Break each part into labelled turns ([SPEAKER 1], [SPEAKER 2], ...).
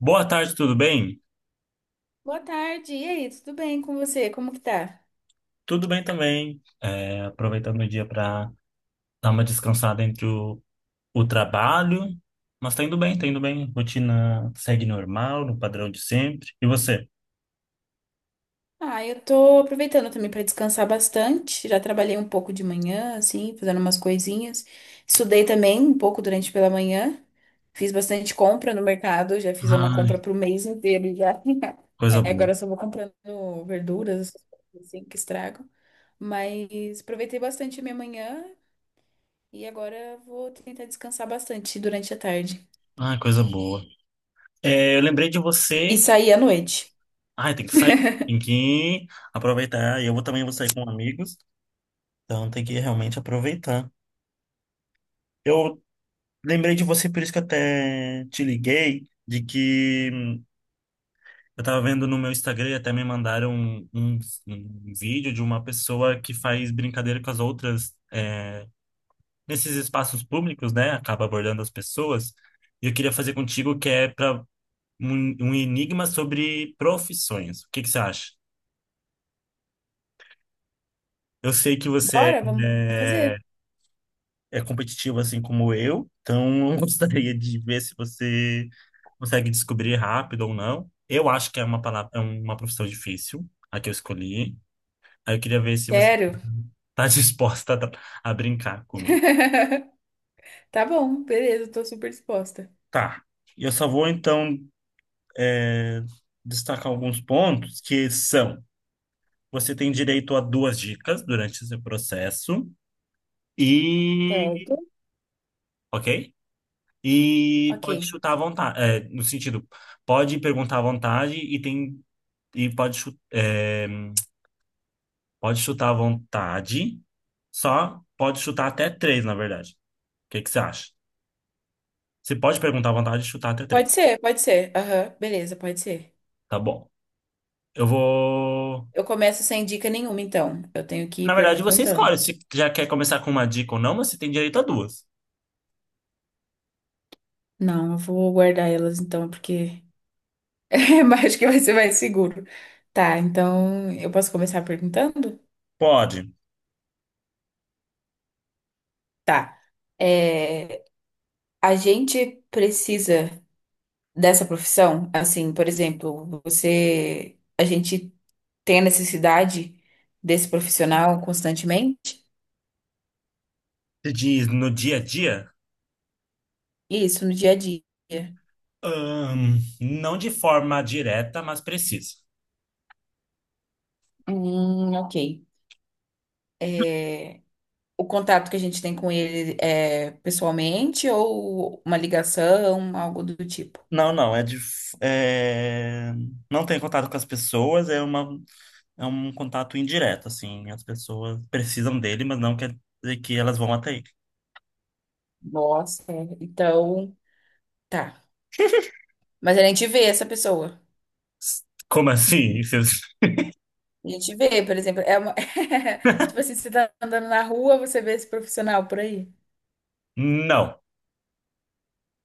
[SPEAKER 1] Boa tarde, tudo bem?
[SPEAKER 2] Boa tarde, e aí, tudo bem com você? Como que tá?
[SPEAKER 1] Tudo bem também. Aproveitando o dia para dar uma descansada entre o trabalho, mas tá indo bem, tá indo bem. Rotina segue normal, no padrão de sempre. E você?
[SPEAKER 2] Ah, eu tô aproveitando também para descansar bastante. Já trabalhei um pouco de manhã, assim, fazendo umas coisinhas. Estudei também um pouco durante pela manhã. Fiz bastante compra no mercado, já fiz uma compra
[SPEAKER 1] Ai,
[SPEAKER 2] pro mês inteiro já.
[SPEAKER 1] coisa
[SPEAKER 2] É,
[SPEAKER 1] boa.
[SPEAKER 2] agora eu só vou comprando verduras, essas coisas assim, que estragam. Mas aproveitei bastante a minha manhã e agora vou tentar descansar bastante durante a tarde.
[SPEAKER 1] Ai, coisa boa. Eu lembrei de
[SPEAKER 2] E
[SPEAKER 1] você.
[SPEAKER 2] sair à noite.
[SPEAKER 1] Ai, tem que sair, tem que aproveitar. Eu vou também, vou sair com amigos, então tem que realmente aproveitar. Eu lembrei de você, por isso que até te liguei, de que eu tava vendo no meu Instagram e até me mandaram um vídeo de uma pessoa que faz brincadeira com as outras nesses espaços públicos, né? Acaba abordando as pessoas. E eu queria fazer contigo, que é para um enigma sobre profissões. O que que você acha? Eu sei que você
[SPEAKER 2] Bora, vamos
[SPEAKER 1] é, é
[SPEAKER 2] fazer.
[SPEAKER 1] é competitivo assim como eu, então eu gostaria de ver se você consegue descobrir rápido ou não. Eu acho que é uma palavra, é uma profissão difícil, a que eu escolhi. Aí eu queria ver se você
[SPEAKER 2] Sério.
[SPEAKER 1] tá disposta a brincar comigo.
[SPEAKER 2] Tá bom, beleza, tô super disposta.
[SPEAKER 1] Tá. E eu só vou, então, é, destacar alguns pontos que são: você tem direito a duas dicas durante esse processo, e.
[SPEAKER 2] Certo.
[SPEAKER 1] Ok? E pode
[SPEAKER 2] Ok.
[SPEAKER 1] chutar à vontade. No sentido, pode perguntar à vontade e tem. E pode, pode chutar à vontade, só pode chutar até três, na verdade. O que que você acha? Você pode perguntar à vontade e chutar até três.
[SPEAKER 2] Pode ser, pode ser. Aham, beleza, pode ser.
[SPEAKER 1] Tá bom. Eu vou.
[SPEAKER 2] Eu começo sem dica nenhuma, então. Eu tenho que ir
[SPEAKER 1] Na verdade, você escolhe
[SPEAKER 2] perguntando.
[SPEAKER 1] se já quer começar com uma dica ou não, mas você tem direito a duas.
[SPEAKER 2] Não, eu vou guardar elas então, porque eu acho que vai ser mais seguro. Tá, então eu posso começar perguntando?
[SPEAKER 1] Pode.
[SPEAKER 2] Tá. É, a gente precisa dessa profissão? Assim, por exemplo, você. A gente tem a necessidade desse profissional constantemente?
[SPEAKER 1] Se diz no dia a dia?
[SPEAKER 2] Isso, no dia a dia.
[SPEAKER 1] Não de forma direta, mas precisa.
[SPEAKER 2] Ok. É, o contato que a gente tem com ele é pessoalmente ou uma ligação, algo do tipo.
[SPEAKER 1] Não, não, não tem contato com as pessoas, é uma... é um contato indireto, assim. As pessoas precisam dele, mas não quer dizer que elas vão até ele.
[SPEAKER 2] Nossa, então. Tá. Mas a gente vê essa pessoa.
[SPEAKER 1] Como assim? Vocês-
[SPEAKER 2] A gente vê, por exemplo, é uma... tipo assim, você tá andando na rua, você vê esse profissional por aí.
[SPEAKER 1] Não.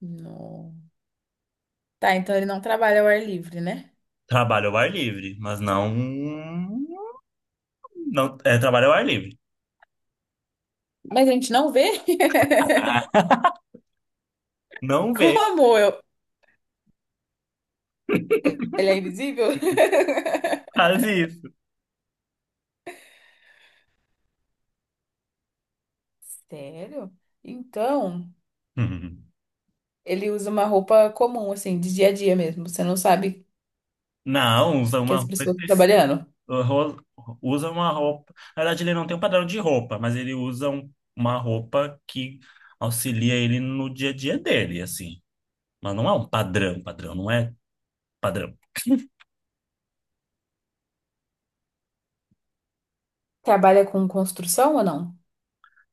[SPEAKER 2] Não. Tá, então ele não trabalha ao ar livre, né?
[SPEAKER 1] Trabalho ao ar livre, mas não. Não, é trabalho ao ar livre.
[SPEAKER 2] Mas a gente não vê?
[SPEAKER 1] Não
[SPEAKER 2] Como eu? Ele é invisível?
[SPEAKER 1] faz isso.
[SPEAKER 2] Sério? Então. Ele usa uma roupa comum, assim, de dia a dia mesmo. Você não sabe
[SPEAKER 1] Não, usa
[SPEAKER 2] que
[SPEAKER 1] uma
[SPEAKER 2] as
[SPEAKER 1] roupa
[SPEAKER 2] pessoas estão
[SPEAKER 1] específica.
[SPEAKER 2] trabalhando.
[SPEAKER 1] Usa uma roupa. Na verdade, ele não tem um padrão de roupa, mas ele usa uma roupa que auxilia ele no dia a dia dele, assim. Mas não é um padrão, padrão, não é padrão.
[SPEAKER 2] Trabalha com construção ou não?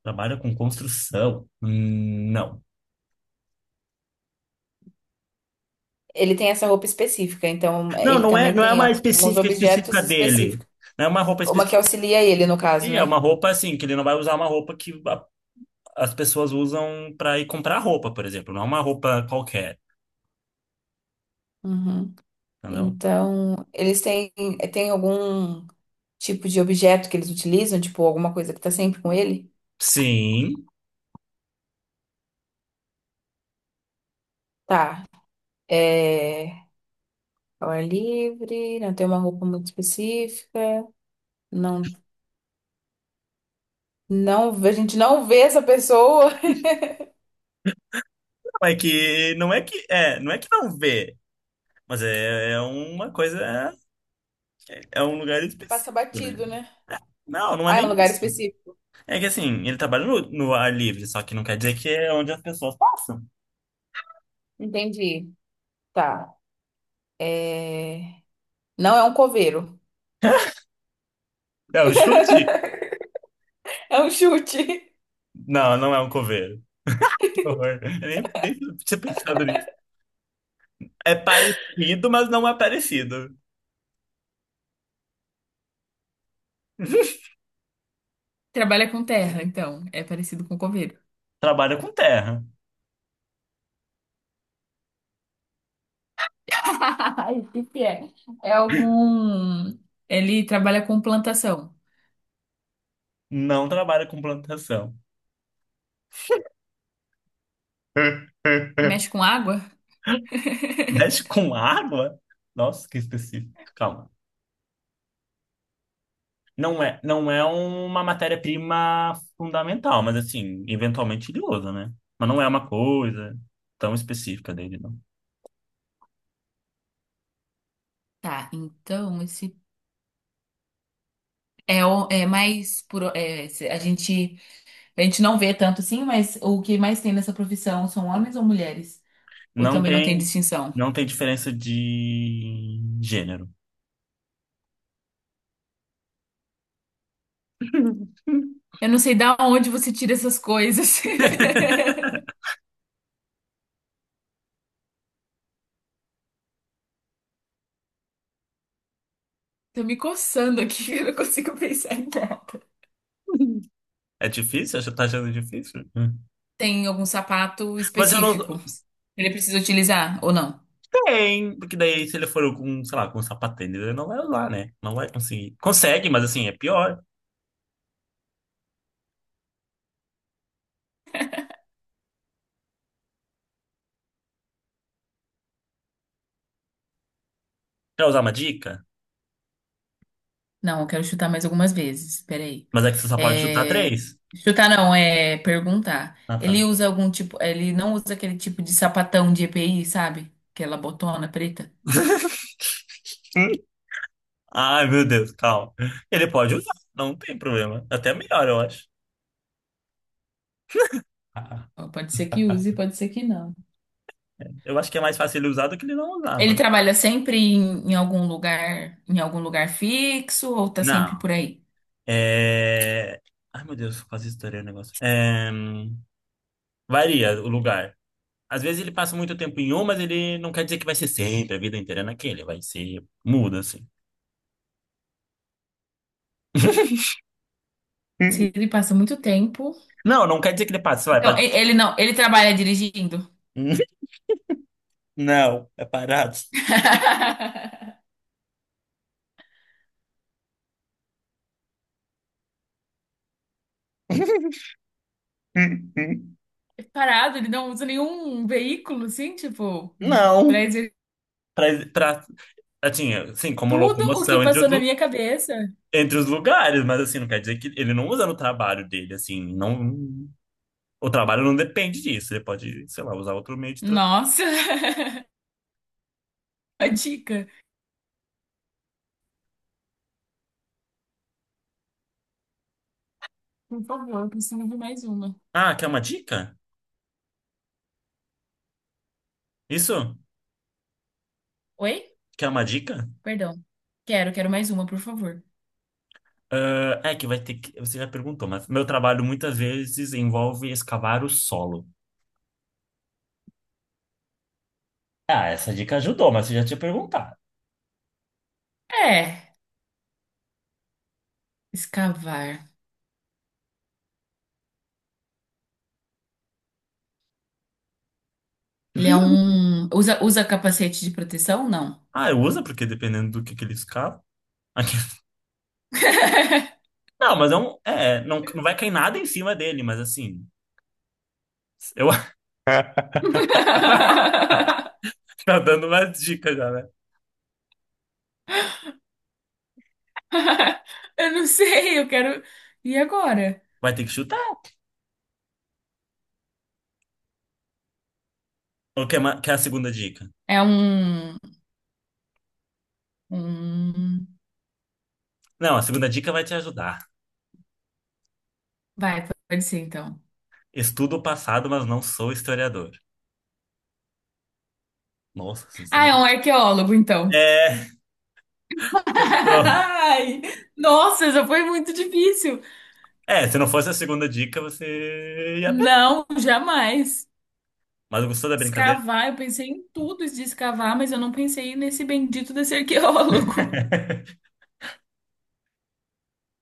[SPEAKER 1] Trabalha com construção? Não.
[SPEAKER 2] Ele tem essa roupa específica, então
[SPEAKER 1] Não,
[SPEAKER 2] ele
[SPEAKER 1] não é,
[SPEAKER 2] também
[SPEAKER 1] não é
[SPEAKER 2] tem
[SPEAKER 1] uma
[SPEAKER 2] alguns
[SPEAKER 1] específica
[SPEAKER 2] objetos
[SPEAKER 1] específica dele.
[SPEAKER 2] específicos.
[SPEAKER 1] Não é uma roupa
[SPEAKER 2] Uma que
[SPEAKER 1] específica.
[SPEAKER 2] auxilia ele, no caso,
[SPEAKER 1] É uma
[SPEAKER 2] né?
[SPEAKER 1] roupa assim, que ele não vai usar uma roupa que as pessoas usam para ir comprar roupa, por exemplo. Não é uma roupa qualquer,
[SPEAKER 2] Uhum.
[SPEAKER 1] entendeu?
[SPEAKER 2] Então, eles têm, têm algum. Tipo de objeto que eles utilizam, tipo alguma coisa que tá sempre com ele?
[SPEAKER 1] Sim,
[SPEAKER 2] Tá. É. Ao ar livre, não tem uma roupa muito específica, não, não, a gente não vê essa pessoa
[SPEAKER 1] não é que é, não é que não vê, mas é, é uma coisa, é um lugar
[SPEAKER 2] que passa
[SPEAKER 1] específico, né?
[SPEAKER 2] batido, né?
[SPEAKER 1] Não, não é
[SPEAKER 2] Ah, é um
[SPEAKER 1] nem
[SPEAKER 2] lugar
[SPEAKER 1] isso.
[SPEAKER 2] específico.
[SPEAKER 1] É que assim, ele trabalha no ar livre, só que não quer dizer que é onde as pessoas passam.
[SPEAKER 2] Entendi. Tá. É... Não é um coveiro.
[SPEAKER 1] É o chute?
[SPEAKER 2] É um chute.
[SPEAKER 1] Não, não é um coveiro. Que horror. Eu nem, nem tinha pensado nisso. É parecido, mas não é parecido.
[SPEAKER 2] Trabalha com terra, então. É parecido com coveiro.
[SPEAKER 1] Trabalha com terra,
[SPEAKER 2] Que é? É algum. Ele trabalha com plantação.
[SPEAKER 1] não trabalha com plantação.
[SPEAKER 2] Mexe com água?
[SPEAKER 1] Mexe com água? Nossa, que específico. Calma. Não é, não é uma matéria-prima fundamental, mas assim, eventualmente ele usa, né? Mas não é uma coisa tão específica dele, não.
[SPEAKER 2] Tá, então esse é, o- é mais por é, se- a gente não vê tanto assim, mas o que mais tem nessa profissão são homens ou mulheres? Ou
[SPEAKER 1] Não
[SPEAKER 2] também não tem
[SPEAKER 1] tem,
[SPEAKER 2] distinção?
[SPEAKER 1] não tem diferença de gênero.
[SPEAKER 2] Eu não sei da onde você tira essas coisas. Tô me coçando aqui, eu não consigo pensar em nada.
[SPEAKER 1] É difícil? Você tá achando difícil? Hum.
[SPEAKER 2] Tem algum sapato
[SPEAKER 1] Mas eu não.
[SPEAKER 2] específico? Que Ele precisa utilizar ou não?
[SPEAKER 1] Tem, porque daí se ele for com, sei lá, com sapatênis, ele não vai usar, né? Não vai conseguir. Consegue, mas assim, é pior. Quer usar uma dica?
[SPEAKER 2] Não, eu quero chutar mais algumas vezes. Peraí.
[SPEAKER 1] Mas é que você só pode chutar
[SPEAKER 2] É,
[SPEAKER 1] três.
[SPEAKER 2] chutar não, é perguntar.
[SPEAKER 1] Ah,
[SPEAKER 2] Ele
[SPEAKER 1] tá.
[SPEAKER 2] usa algum tipo. Ele não usa aquele tipo de sapatão de EPI, sabe? Aquela botona preta.
[SPEAKER 1] Ai, meu Deus, calma. Ele pode usar, não tem problema. Até melhor, eu acho. Ah,
[SPEAKER 2] Ó, pode ser que use, pode ser que não.
[SPEAKER 1] eu acho que é mais fácil ele usar do que ele não usar,
[SPEAKER 2] Ele
[SPEAKER 1] mano.
[SPEAKER 2] trabalha sempre em algum lugar, em algum lugar fixo, ou tá sempre
[SPEAKER 1] Não.
[SPEAKER 2] por aí?
[SPEAKER 1] É... Ai, meu Deus, quase estourei o negócio. Varia o lugar. Às vezes ele passa muito tempo em um, mas ele não quer dizer que vai ser sempre, a vida inteira é naquele. Vai ser... Muda, assim.
[SPEAKER 2] Se ele passa muito tempo.
[SPEAKER 1] Não, não quer dizer que ele passa. Vai,
[SPEAKER 2] Então,
[SPEAKER 1] pode
[SPEAKER 2] e-
[SPEAKER 1] passar.
[SPEAKER 2] ele não, ele trabalha dirigindo.
[SPEAKER 1] Não, é parado.
[SPEAKER 2] Parado, ele não usa nenhum veículo, assim, tipo, pra
[SPEAKER 1] Não. Pra, pra, assim, assim, como
[SPEAKER 2] Tudo o que
[SPEAKER 1] locomoção
[SPEAKER 2] passou na minha cabeça.
[SPEAKER 1] entre os lugares, mas assim, não quer dizer que ele não usa no trabalho dele, assim, não, o trabalho não depende disso, ele pode, sei lá, usar outro meio de transporte.
[SPEAKER 2] Nossa, a dica. Por favor, eu preciso de mais uma.
[SPEAKER 1] Ah, quer uma dica? Isso?
[SPEAKER 2] Oi?
[SPEAKER 1] Quer uma dica?
[SPEAKER 2] Perdão. Quero, quero mais uma, por favor.
[SPEAKER 1] Ah, é que vai ter que, você já perguntou, mas meu trabalho muitas vezes envolve escavar o solo. Ah, essa dica ajudou, mas você já tinha perguntado.
[SPEAKER 2] É, escavar. Ele é um. Usa, usa capacete de proteção? Não.
[SPEAKER 1] Ah, usa, porque dependendo do que ele escava. Aqui- Não, mas não, não vai cair nada em cima dele, mas assim, eu tá dando umas dicas já, né?
[SPEAKER 2] Eu não sei, eu quero. E agora?
[SPEAKER 1] Vai ter que chutar. O que é, que é a segunda dica?
[SPEAKER 2] É um. Um...
[SPEAKER 1] Não, a segunda dica vai te ajudar.
[SPEAKER 2] Vai, pode ser então.
[SPEAKER 1] Estudo o passado, mas não sou historiador. Nossa, se você
[SPEAKER 2] Ah, é
[SPEAKER 1] não.
[SPEAKER 2] um arqueólogo, então.
[SPEAKER 1] É, tô-
[SPEAKER 2] Ai, nossa, essa foi muito difícil.
[SPEAKER 1] se não fosse a segunda dica, você ia. Pe-
[SPEAKER 2] Não, jamais.
[SPEAKER 1] Mas gostou da brincadeira?
[SPEAKER 2] Escavar, eu pensei em tudo de escavar, mas eu não pensei nesse bendito desse arqueólogo.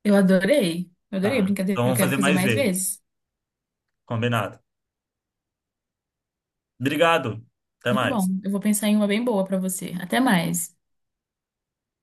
[SPEAKER 2] Eu adorei. Eu adorei a
[SPEAKER 1] Tá.
[SPEAKER 2] brincadeira,
[SPEAKER 1] Então
[SPEAKER 2] eu
[SPEAKER 1] vamos
[SPEAKER 2] quero
[SPEAKER 1] fazer
[SPEAKER 2] fazer
[SPEAKER 1] mais
[SPEAKER 2] mais
[SPEAKER 1] vezes.
[SPEAKER 2] vezes.
[SPEAKER 1] Combinado. Obrigado. Até
[SPEAKER 2] Muito bom.
[SPEAKER 1] mais.
[SPEAKER 2] Eu vou pensar em uma bem boa pra você. Até mais.